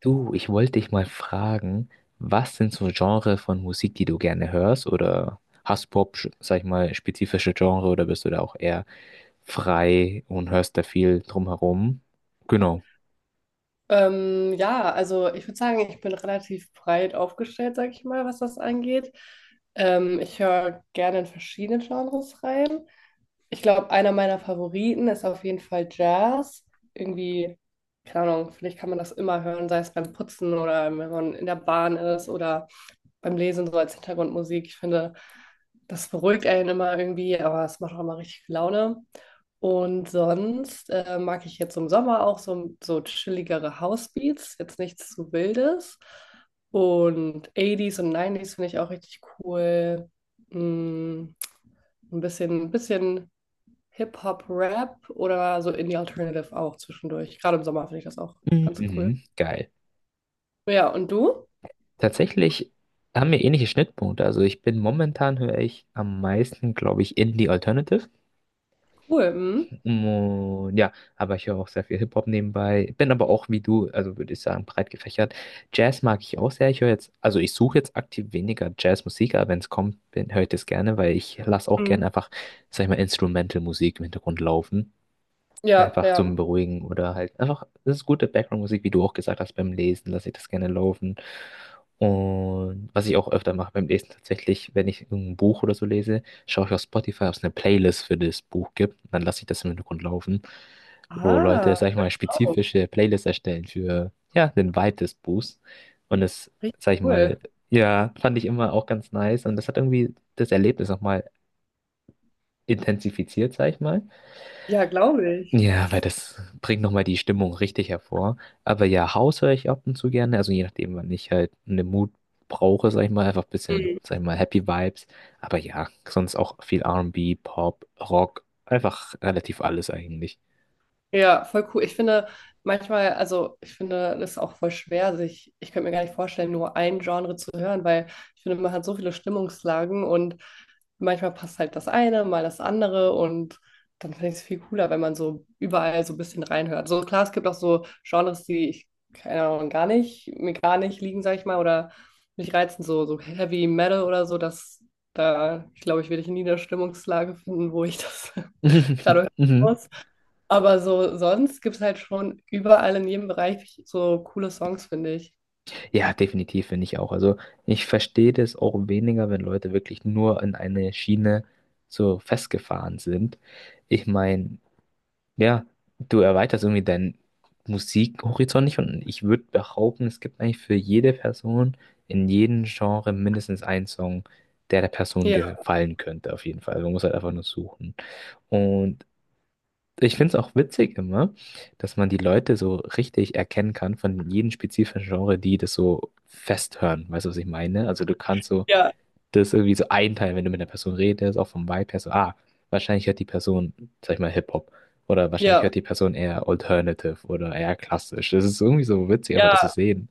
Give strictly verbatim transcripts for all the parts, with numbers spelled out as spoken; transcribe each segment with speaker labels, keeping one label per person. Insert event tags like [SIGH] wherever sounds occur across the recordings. Speaker 1: Du, ich wollte dich mal fragen, was sind so Genre von Musik, die du gerne hörst? Oder hast du Pop, sch- sag ich mal, spezifische Genre oder bist du da auch eher frei und hörst da viel drumherum? Genau.
Speaker 2: Ähm, ja, also ich würde sagen, ich bin relativ breit aufgestellt, sag ich mal, was das angeht. Ähm, ich höre gerne in verschiedene Genres rein. Ich glaube, einer meiner Favoriten ist auf jeden Fall Jazz. Irgendwie, keine Ahnung, vielleicht kann man das immer hören, sei es beim Putzen oder wenn man in der Bahn ist oder beim Lesen so als Hintergrundmusik. Ich finde, das beruhigt einen immer irgendwie, aber es macht auch immer richtig viel Laune. Und sonst äh, mag ich jetzt im Sommer auch so, so chilligere Housebeats, jetzt nichts zu Wildes. Und eighties und nineties finde ich auch richtig cool. Mm, ein bisschen, ein bisschen Hip-Hop, Rap oder so Indie Alternative auch zwischendurch. Gerade im Sommer finde ich das auch
Speaker 1: Mhm,
Speaker 2: ganz cool.
Speaker 1: mhm, geil.
Speaker 2: Ja, und du?
Speaker 1: Tatsächlich haben wir ähnliche Schnittpunkte. Also ich bin momentan höre ich am meisten, glaube ich, Indie Alternative.
Speaker 2: Cool. Mhm.
Speaker 1: Und ja, aber ich höre auch sehr viel Hip-Hop nebenbei. Bin aber auch wie du, also würde ich sagen, breit gefächert. Jazz mag ich auch sehr. Ich höre jetzt, also ich suche jetzt aktiv weniger Jazzmusik, aber wenn es kommt, bin- höre ich das gerne, weil ich lasse auch gerne
Speaker 2: Mhm.
Speaker 1: einfach, sag ich mal, Instrumental-Musik im Hintergrund laufen.
Speaker 2: Ja,
Speaker 1: Einfach
Speaker 2: ja.
Speaker 1: zum Beruhigen oder halt einfach, das ist gute Background-Musik, wie du auch gesagt hast, beim Lesen lasse ich das gerne laufen. Und was ich auch öfter mache beim Lesen tatsächlich, wenn ich ein Buch oder so lese, schaue ich auf Spotify, ob es eine Playlist für das Buch gibt. Dann lasse ich das im Hintergrund laufen, wo Leute,
Speaker 2: Ah,
Speaker 1: sag ich mal,
Speaker 2: wow.
Speaker 1: spezifische Playlists erstellen für, ja, den Vibe des Buchs. Und das,
Speaker 2: Richtig
Speaker 1: sag ich mal,
Speaker 2: cool.
Speaker 1: ja, fand ich immer auch ganz nice. Und das hat irgendwie das Erlebnis nochmal intensifiziert, sag ich mal.
Speaker 2: Ja, glaube
Speaker 1: Ja, weil das bringt nochmal die Stimmung richtig hervor. Aber ja, House höre ich ab und zu gerne. Also je nachdem, wann ich halt einen Mut brauche, sag ich mal, einfach ein bisschen,
Speaker 2: ich.
Speaker 1: sag ich mal, Happy Vibes. Aber ja, sonst auch viel R and B, Pop, Rock, einfach relativ alles eigentlich.
Speaker 2: Ja, voll cool. Ich finde manchmal, also ich finde das auch voll schwer, sich, ich könnte mir gar nicht vorstellen, nur ein Genre zu hören, weil ich finde, man hat so viele Stimmungslagen und manchmal passt halt das eine, mal das andere und dann finde ich es viel cooler, wenn man so überall so ein bisschen reinhört. So klar, es gibt auch so Genres, die ich, keine Ahnung, gar nicht, mir gar nicht liegen, sag ich mal, oder mich reizen, so, so Heavy Metal oder so, dass da, ich glaube, ich werde ich nie eine Stimmungslage finden, wo ich das [LAUGHS] gerade
Speaker 1: [LAUGHS]
Speaker 2: hören
Speaker 1: Mhm.
Speaker 2: muss. Aber so sonst gibt es halt schon überall in jedem Bereich so coole Songs, finde ich.
Speaker 1: Ja, definitiv finde ich auch. Also ich verstehe das auch weniger, wenn Leute wirklich nur in eine Schiene so festgefahren sind. Ich meine, ja, du erweiterst irgendwie deinen Musikhorizont nicht und ich würde behaupten, es gibt eigentlich für jede Person in jedem Genre mindestens einen Song, der der Person
Speaker 2: Ja,
Speaker 1: gefallen könnte, auf jeden Fall. Man muss halt einfach nur suchen. Und ich finde es auch witzig immer, dass man die Leute so richtig erkennen kann von jedem spezifischen Genre, die das so festhören. Weißt du, was ich meine? Also du kannst so
Speaker 2: ja,
Speaker 1: Das ist irgendwie so ein Teil, wenn du mit einer Person redest, auch vom Vibe her, so, ah, wahrscheinlich hört die Person, sag ich mal, Hip-Hop. Oder wahrscheinlich
Speaker 2: ja,
Speaker 1: hört die Person eher Alternative oder eher klassisch. Das ist irgendwie so witzig, einfach das zu
Speaker 2: ja,
Speaker 1: sehen.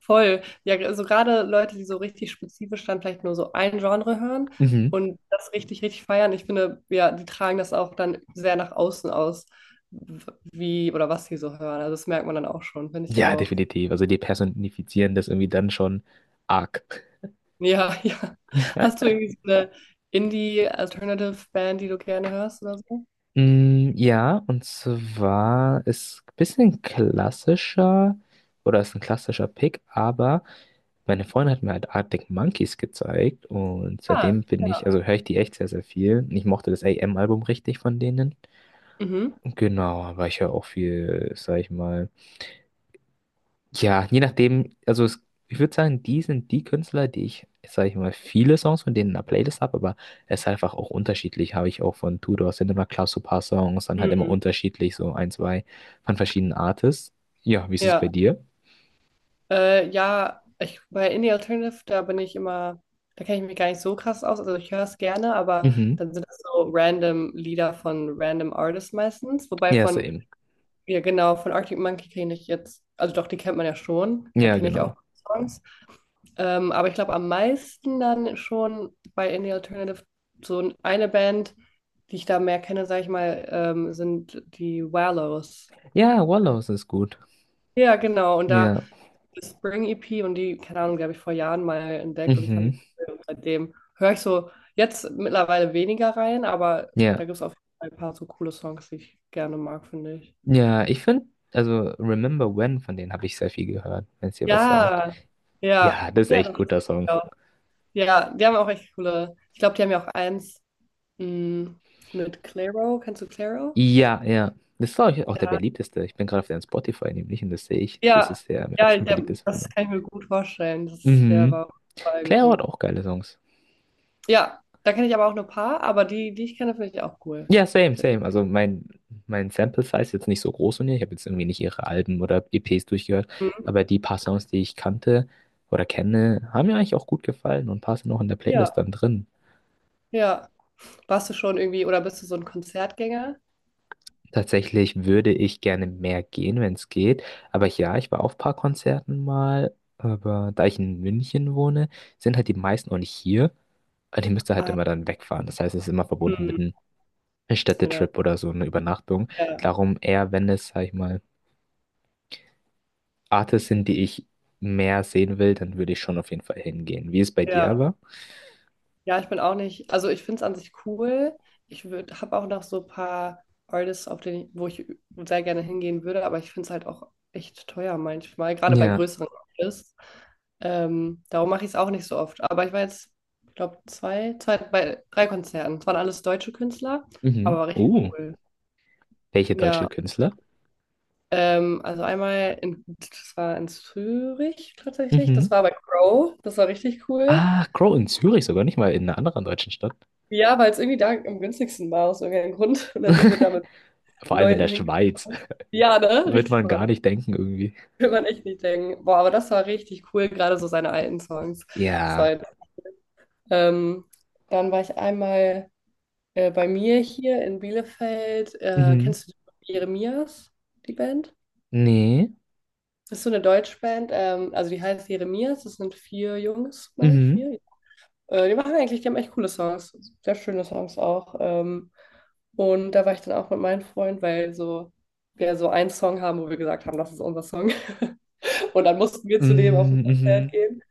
Speaker 2: voll. Ja, also gerade Leute, die so richtig spezifisch dann vielleicht nur so ein Genre hören
Speaker 1: Mhm.
Speaker 2: und das richtig, richtig feiern. Ich finde, ja, die tragen das auch dann sehr nach außen aus, w- wie oder was sie so hören. Also das merkt man dann auch schon, finde ich
Speaker 1: Ja,
Speaker 2: auch.
Speaker 1: definitiv. Also die personifizieren das irgendwie dann schon arg.
Speaker 2: Ja, [LAUGHS] ja. Hast du irgendwie so eine Indie-Alternative-Band, die du gerne hörst oder so?
Speaker 1: Mm, ja, und zwar ist ein bisschen klassischer, oder ist ein klassischer Pick, aber meine Freundin hat mir halt Arctic Monkeys gezeigt und
Speaker 2: Ah,
Speaker 1: seitdem bin ich,
Speaker 2: ja.
Speaker 1: also höre ich die echt sehr, sehr viel. Ich mochte das A M-Album richtig von denen.
Speaker 2: Mhm.
Speaker 1: Genau, aber ich höre auch viel, sag ich mal. Ja, je nachdem, also es, ich würde sagen, die sind die Künstler, die ich, sag ich mal, viele Songs von denen in der Playlist habe, aber es ist einfach auch unterschiedlich. Habe ich auch von Tudor sind immer klar so ein paar Songs, dann halt immer
Speaker 2: Mhm.
Speaker 1: unterschiedlich, so ein, zwei von verschiedenen Artists. Ja, wie ist es
Speaker 2: Ja.
Speaker 1: bei dir?
Speaker 2: Äh, ja, ich, bei Indie Alternative, da bin ich immer, da kenne ich mich gar nicht so krass aus. Also ich höre es gerne, aber
Speaker 1: Mhm.
Speaker 2: dann sind das so random Lieder von random Artists meistens. Wobei
Speaker 1: Ja,
Speaker 2: von,
Speaker 1: same.
Speaker 2: ja genau, von Arctic Monkey kenne ich jetzt, also doch, die kennt man ja schon, da
Speaker 1: Ja,
Speaker 2: kenne ich auch
Speaker 1: genau.
Speaker 2: Songs. Ähm, aber ich glaube am meisten dann schon bei Indie Alternative so eine Band, die ich da mehr kenne, sage ich mal, ähm, sind die Wallows.
Speaker 1: Ja, Wallows ist gut.
Speaker 2: Ja, genau. Und da
Speaker 1: Ja.
Speaker 2: Spring E P und die, keine Ahnung, die habe ich vor Jahren mal entdeckt und fand die
Speaker 1: Mhm.
Speaker 2: cool. Und seitdem höre ich so jetzt mittlerweile weniger rein, aber
Speaker 1: Ja.
Speaker 2: da gibt es auf jeden Fall ein paar so coole Songs, die ich gerne mag, finde ich.
Speaker 1: Ja, ich finde, also Remember When, von denen habe ich sehr viel gehört, wenn es dir was sagt.
Speaker 2: Ja, ja,
Speaker 1: Ja, das ist
Speaker 2: ja,
Speaker 1: echt ein
Speaker 2: das ist
Speaker 1: guter Song.
Speaker 2: ja auch- ja, die haben auch echt coole. Ich glaube, die haben ja auch eins mh, mit Clairo. Kennst du Clairo?
Speaker 1: Ja, ja. Das ist, glaube ich, auch der beliebteste. Ich bin gerade auf deren Spotify nämlich und das sehe ich. Das
Speaker 2: Ja,
Speaker 1: ist der mit
Speaker 2: ja,
Speaker 1: Abstand
Speaker 2: der,
Speaker 1: beliebteste von
Speaker 2: das
Speaker 1: denen.
Speaker 2: kann ich mir gut vorstellen. Das, ist- der
Speaker 1: Mhm.
Speaker 2: war bei
Speaker 1: Claire hat
Speaker 2: gefühlt.
Speaker 1: auch geile Songs.
Speaker 2: Ja, da kenne ich aber auch nur ein paar, aber die, die ich kenne, finde ich auch cool.
Speaker 1: Ja, same, same. Also mein, mein Sample Size ist jetzt nicht so groß von ihr. Ich habe jetzt irgendwie nicht ihre Alben oder E Ps durchgehört,
Speaker 2: Mhm.
Speaker 1: aber die paar Songs, die ich kannte oder kenne, haben mir eigentlich auch gut gefallen und ein paar sind auch in der Playlist
Speaker 2: Ja.
Speaker 1: dann drin.
Speaker 2: Ja, warst du schon irgendwie oder bist du so ein Konzertgänger?
Speaker 1: Tatsächlich würde ich gerne mehr gehen, wenn es geht. Aber ja, ich war auf ein paar Konzerten mal. Aber da ich in München wohne, sind halt die meisten auch nicht hier. Also ich müsste halt
Speaker 2: Ah,
Speaker 1: immer dann wegfahren. Das heißt, es ist immer verbunden
Speaker 2: hm,
Speaker 1: mit einem
Speaker 2: ja,
Speaker 1: Städtetrip oder so einer Übernachtung.
Speaker 2: ja,
Speaker 1: Darum eher, wenn es, sag ich mal, Artists sind, die ich mehr sehen will, dann würde ich schon auf jeden Fall hingehen. Wie es bei dir
Speaker 2: ja,
Speaker 1: aber?
Speaker 2: ja, ich bin auch nicht. Also ich finde es an sich cool. Ich würde, habe auch noch so ein paar Artists, auf denen, ich- wo ich sehr gerne hingehen würde, aber ich finde es halt auch echt teuer manchmal, gerade bei
Speaker 1: Ja.
Speaker 2: größeren Artists. Ähm, darum mache ich es auch nicht so oft. Aber ich war jetzt, ich glaube, zwei, zwei, bei drei Konzerten. Es waren alles deutsche Künstler, aber
Speaker 1: Mhm.
Speaker 2: war richtig
Speaker 1: Oh,
Speaker 2: cool.
Speaker 1: welche deutsche
Speaker 2: Ja.
Speaker 1: Künstler?
Speaker 2: Ähm, also einmal, in, das war in Zürich tatsächlich. Das
Speaker 1: Mhm.
Speaker 2: war bei Crow. Das war richtig cool.
Speaker 1: Ah, Crow in Zürich sogar, nicht mal in einer anderen deutschen Stadt.
Speaker 2: Ja, weil es irgendwie da am günstigsten war, aus irgendeinem Grund. Und dann sind wir da mit
Speaker 1: Vor allem in der
Speaker 2: Leuten
Speaker 1: Schweiz.
Speaker 2: hingefahren. Ja, ne?
Speaker 1: Wird
Speaker 2: Richtig
Speaker 1: man gar
Speaker 2: paradox.
Speaker 1: nicht denken irgendwie.
Speaker 2: Will man echt nicht denken. Boah, aber das war richtig cool, gerade so seine alten Songs. Das war,
Speaker 1: Ja.
Speaker 2: halt, ähm, dann war ich einmal äh, bei mir hier in Bielefeld. Äh,
Speaker 1: Mhm.
Speaker 2: kennst du Jeremias, die Band?
Speaker 1: Nee.
Speaker 2: Das ist so eine Deutschband, ähm, also die heißt Jeremias, das sind vier Jungs, meine ich,
Speaker 1: Mhm.
Speaker 2: vier, Äh, die machen eigentlich, die haben echt coole Songs, sehr schöne Songs auch. Ähm, und da war ich dann auch mit meinem Freund, weil so wir so einen Song haben, wo wir gesagt haben, das ist unser Song. [LAUGHS] Und dann mussten wir zu dem auf ein
Speaker 1: Mhm.
Speaker 2: Konzert
Speaker 1: Mhm.
Speaker 2: gehen.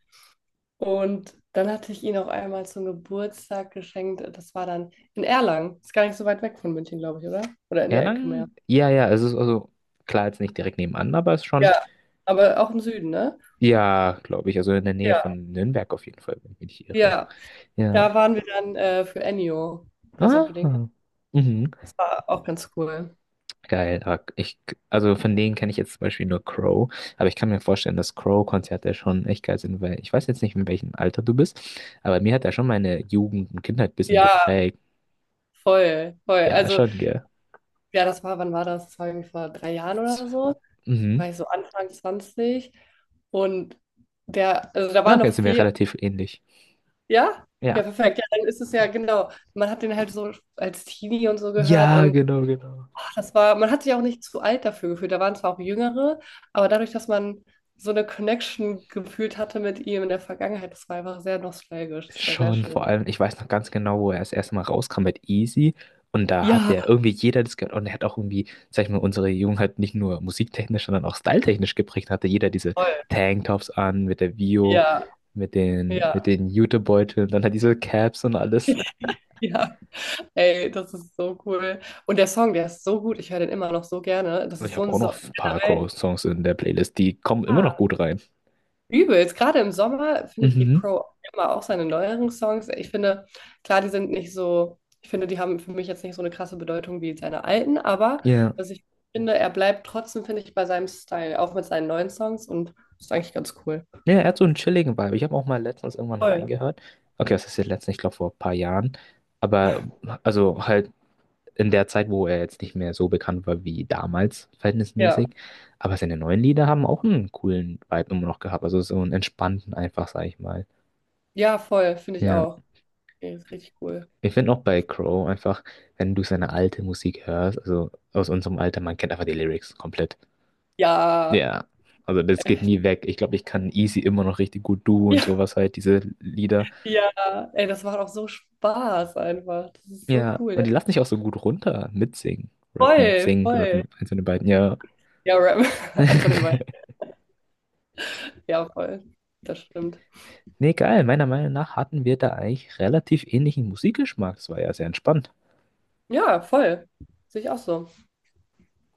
Speaker 2: Und dann hatte ich ihn auch einmal zum Geburtstag geschenkt. Das war dann in Erlangen. Ist gar nicht so weit weg von München, glaube ich, oder? Oder in der Ecke mehr.
Speaker 1: Erlangen? Ja, ja, es ist also klar jetzt nicht direkt nebenan, aber es ist schon,
Speaker 2: Ja, aber auch im Süden, ne?
Speaker 1: ja, glaube ich, also in der Nähe
Speaker 2: Ja,
Speaker 1: von Nürnberg auf jeden Fall, wenn ich mich nicht irre.
Speaker 2: ja.
Speaker 1: Ja.
Speaker 2: Da waren wir dann äh, für Ennio. Ich weiß nicht, ob du den kennst.
Speaker 1: Ah. Mhm.
Speaker 2: Das war auch ganz cool.
Speaker 1: Geil. Aber ich, also von denen kenne ich jetzt zum Beispiel nur Crow, aber ich kann mir vorstellen, dass Crow-Konzerte schon echt geil sind, weil ich weiß jetzt nicht, in welchem Alter du bist, aber mir hat er schon meine Jugend und Kindheit ein bisschen
Speaker 2: Ja,
Speaker 1: geprägt.
Speaker 2: voll, voll.
Speaker 1: Ja,
Speaker 2: Also,
Speaker 1: schon, gell.
Speaker 2: ja, das war, wann war das? Das war irgendwie vor drei Jahren oder so. Da
Speaker 1: Mhm.
Speaker 2: war ich so Anfang zwanzig und der, also da
Speaker 1: Ja,
Speaker 2: war
Speaker 1: okay,
Speaker 2: noch
Speaker 1: sind wir
Speaker 2: viel,
Speaker 1: relativ ähnlich.
Speaker 2: ja? Ja,
Speaker 1: Ja.
Speaker 2: perfekt. Ja, dann ist es ja genau. Man hat den halt so als Teenie und so gehört.
Speaker 1: Ja,
Speaker 2: Und
Speaker 1: genau, genau.
Speaker 2: ach, das war, man hat sich auch nicht zu alt dafür gefühlt. Da waren zwar auch Jüngere, aber dadurch, dass man so eine Connection gefühlt hatte mit ihm in der Vergangenheit, das war einfach sehr nostalgisch. Das war sehr
Speaker 1: Schon, vor
Speaker 2: schön.
Speaker 1: allem, ich weiß noch ganz genau, wo er das erste Mal rauskam mit Easy. Und da hat
Speaker 2: Ja,
Speaker 1: der irgendwie jeder das gehört. Und er hat auch irgendwie, sag ich mal, unsere Jugend halt nicht nur musiktechnisch, sondern auch styletechnisch geprägt. Hatte jeder diese
Speaker 2: voll.
Speaker 1: Tanktops an, mit der Vio,
Speaker 2: Ja,
Speaker 1: mit den,
Speaker 2: ja,
Speaker 1: mit den Jutebeuteln, dann hat diese Caps und alles.
Speaker 2: ja. Ey, das ist so cool. Und der Song, der ist so gut. Ich höre den immer noch so gerne. Das
Speaker 1: Und
Speaker 2: ist
Speaker 1: ich
Speaker 2: so
Speaker 1: habe
Speaker 2: ein
Speaker 1: auch
Speaker 2: so
Speaker 1: noch ein paar
Speaker 2: generell
Speaker 1: Crow-Songs in der Playlist, die kommen immer noch gut rein.
Speaker 2: übelst. Gerade im Sommer, finde ich, geht
Speaker 1: Mhm.
Speaker 2: Crow immer auch seine neueren Songs. Ich finde, klar, die sind nicht so, ich finde, die haben für mich jetzt nicht so eine krasse Bedeutung wie seine alten, aber
Speaker 1: Ja.
Speaker 2: was ich finde, er bleibt trotzdem, finde ich, bei seinem Style, auch mit seinen neuen Songs und ist eigentlich ganz cool.
Speaker 1: Ja, er hat so einen chilligen Vibe. Ich habe auch mal letztens irgendwann
Speaker 2: Voll.
Speaker 1: reingehört. Okay, was ist jetzt letztens? Ich glaube vor ein paar Jahren. Aber also halt in der Zeit, wo er jetzt nicht mehr so bekannt war wie damals,
Speaker 2: Ja.
Speaker 1: verhältnismäßig. Aber seine neuen Lieder haben auch einen coolen Vibe immer noch gehabt. Also so einen entspannten einfach, sag ich mal.
Speaker 2: Ja, voll, finde ich
Speaker 1: Ja,
Speaker 2: auch. Ey, ist richtig cool.
Speaker 1: ich finde auch bei Crow einfach, wenn du seine alte Musik hörst, also aus unserem Alter, man kennt einfach die Lyrics komplett.
Speaker 2: Ja.
Speaker 1: Ja, also das geht nie weg. Ich glaube, ich kann easy immer noch richtig gut du und
Speaker 2: [LAUGHS]
Speaker 1: sowas halt, diese Lieder.
Speaker 2: Ja. Ja. Ey, das macht auch so Spaß einfach. Das ist so
Speaker 1: Ja,
Speaker 2: cool.
Speaker 1: und
Speaker 2: Ja.
Speaker 1: die lassen dich auch so gut runter mitsingen. Rappen,
Speaker 2: Voll,
Speaker 1: singen,
Speaker 2: voll.
Speaker 1: rappen, eins von den beiden, ja.
Speaker 2: Ja, Rap. [LAUGHS] Einfach immer.
Speaker 1: [LAUGHS]
Speaker 2: Ja, voll. Das stimmt.
Speaker 1: Nee, geil. Meiner Meinung nach hatten wir da eigentlich relativ ähnlichen Musikgeschmack. Das war ja sehr entspannt.
Speaker 2: Ja, voll. Sehe ich auch so.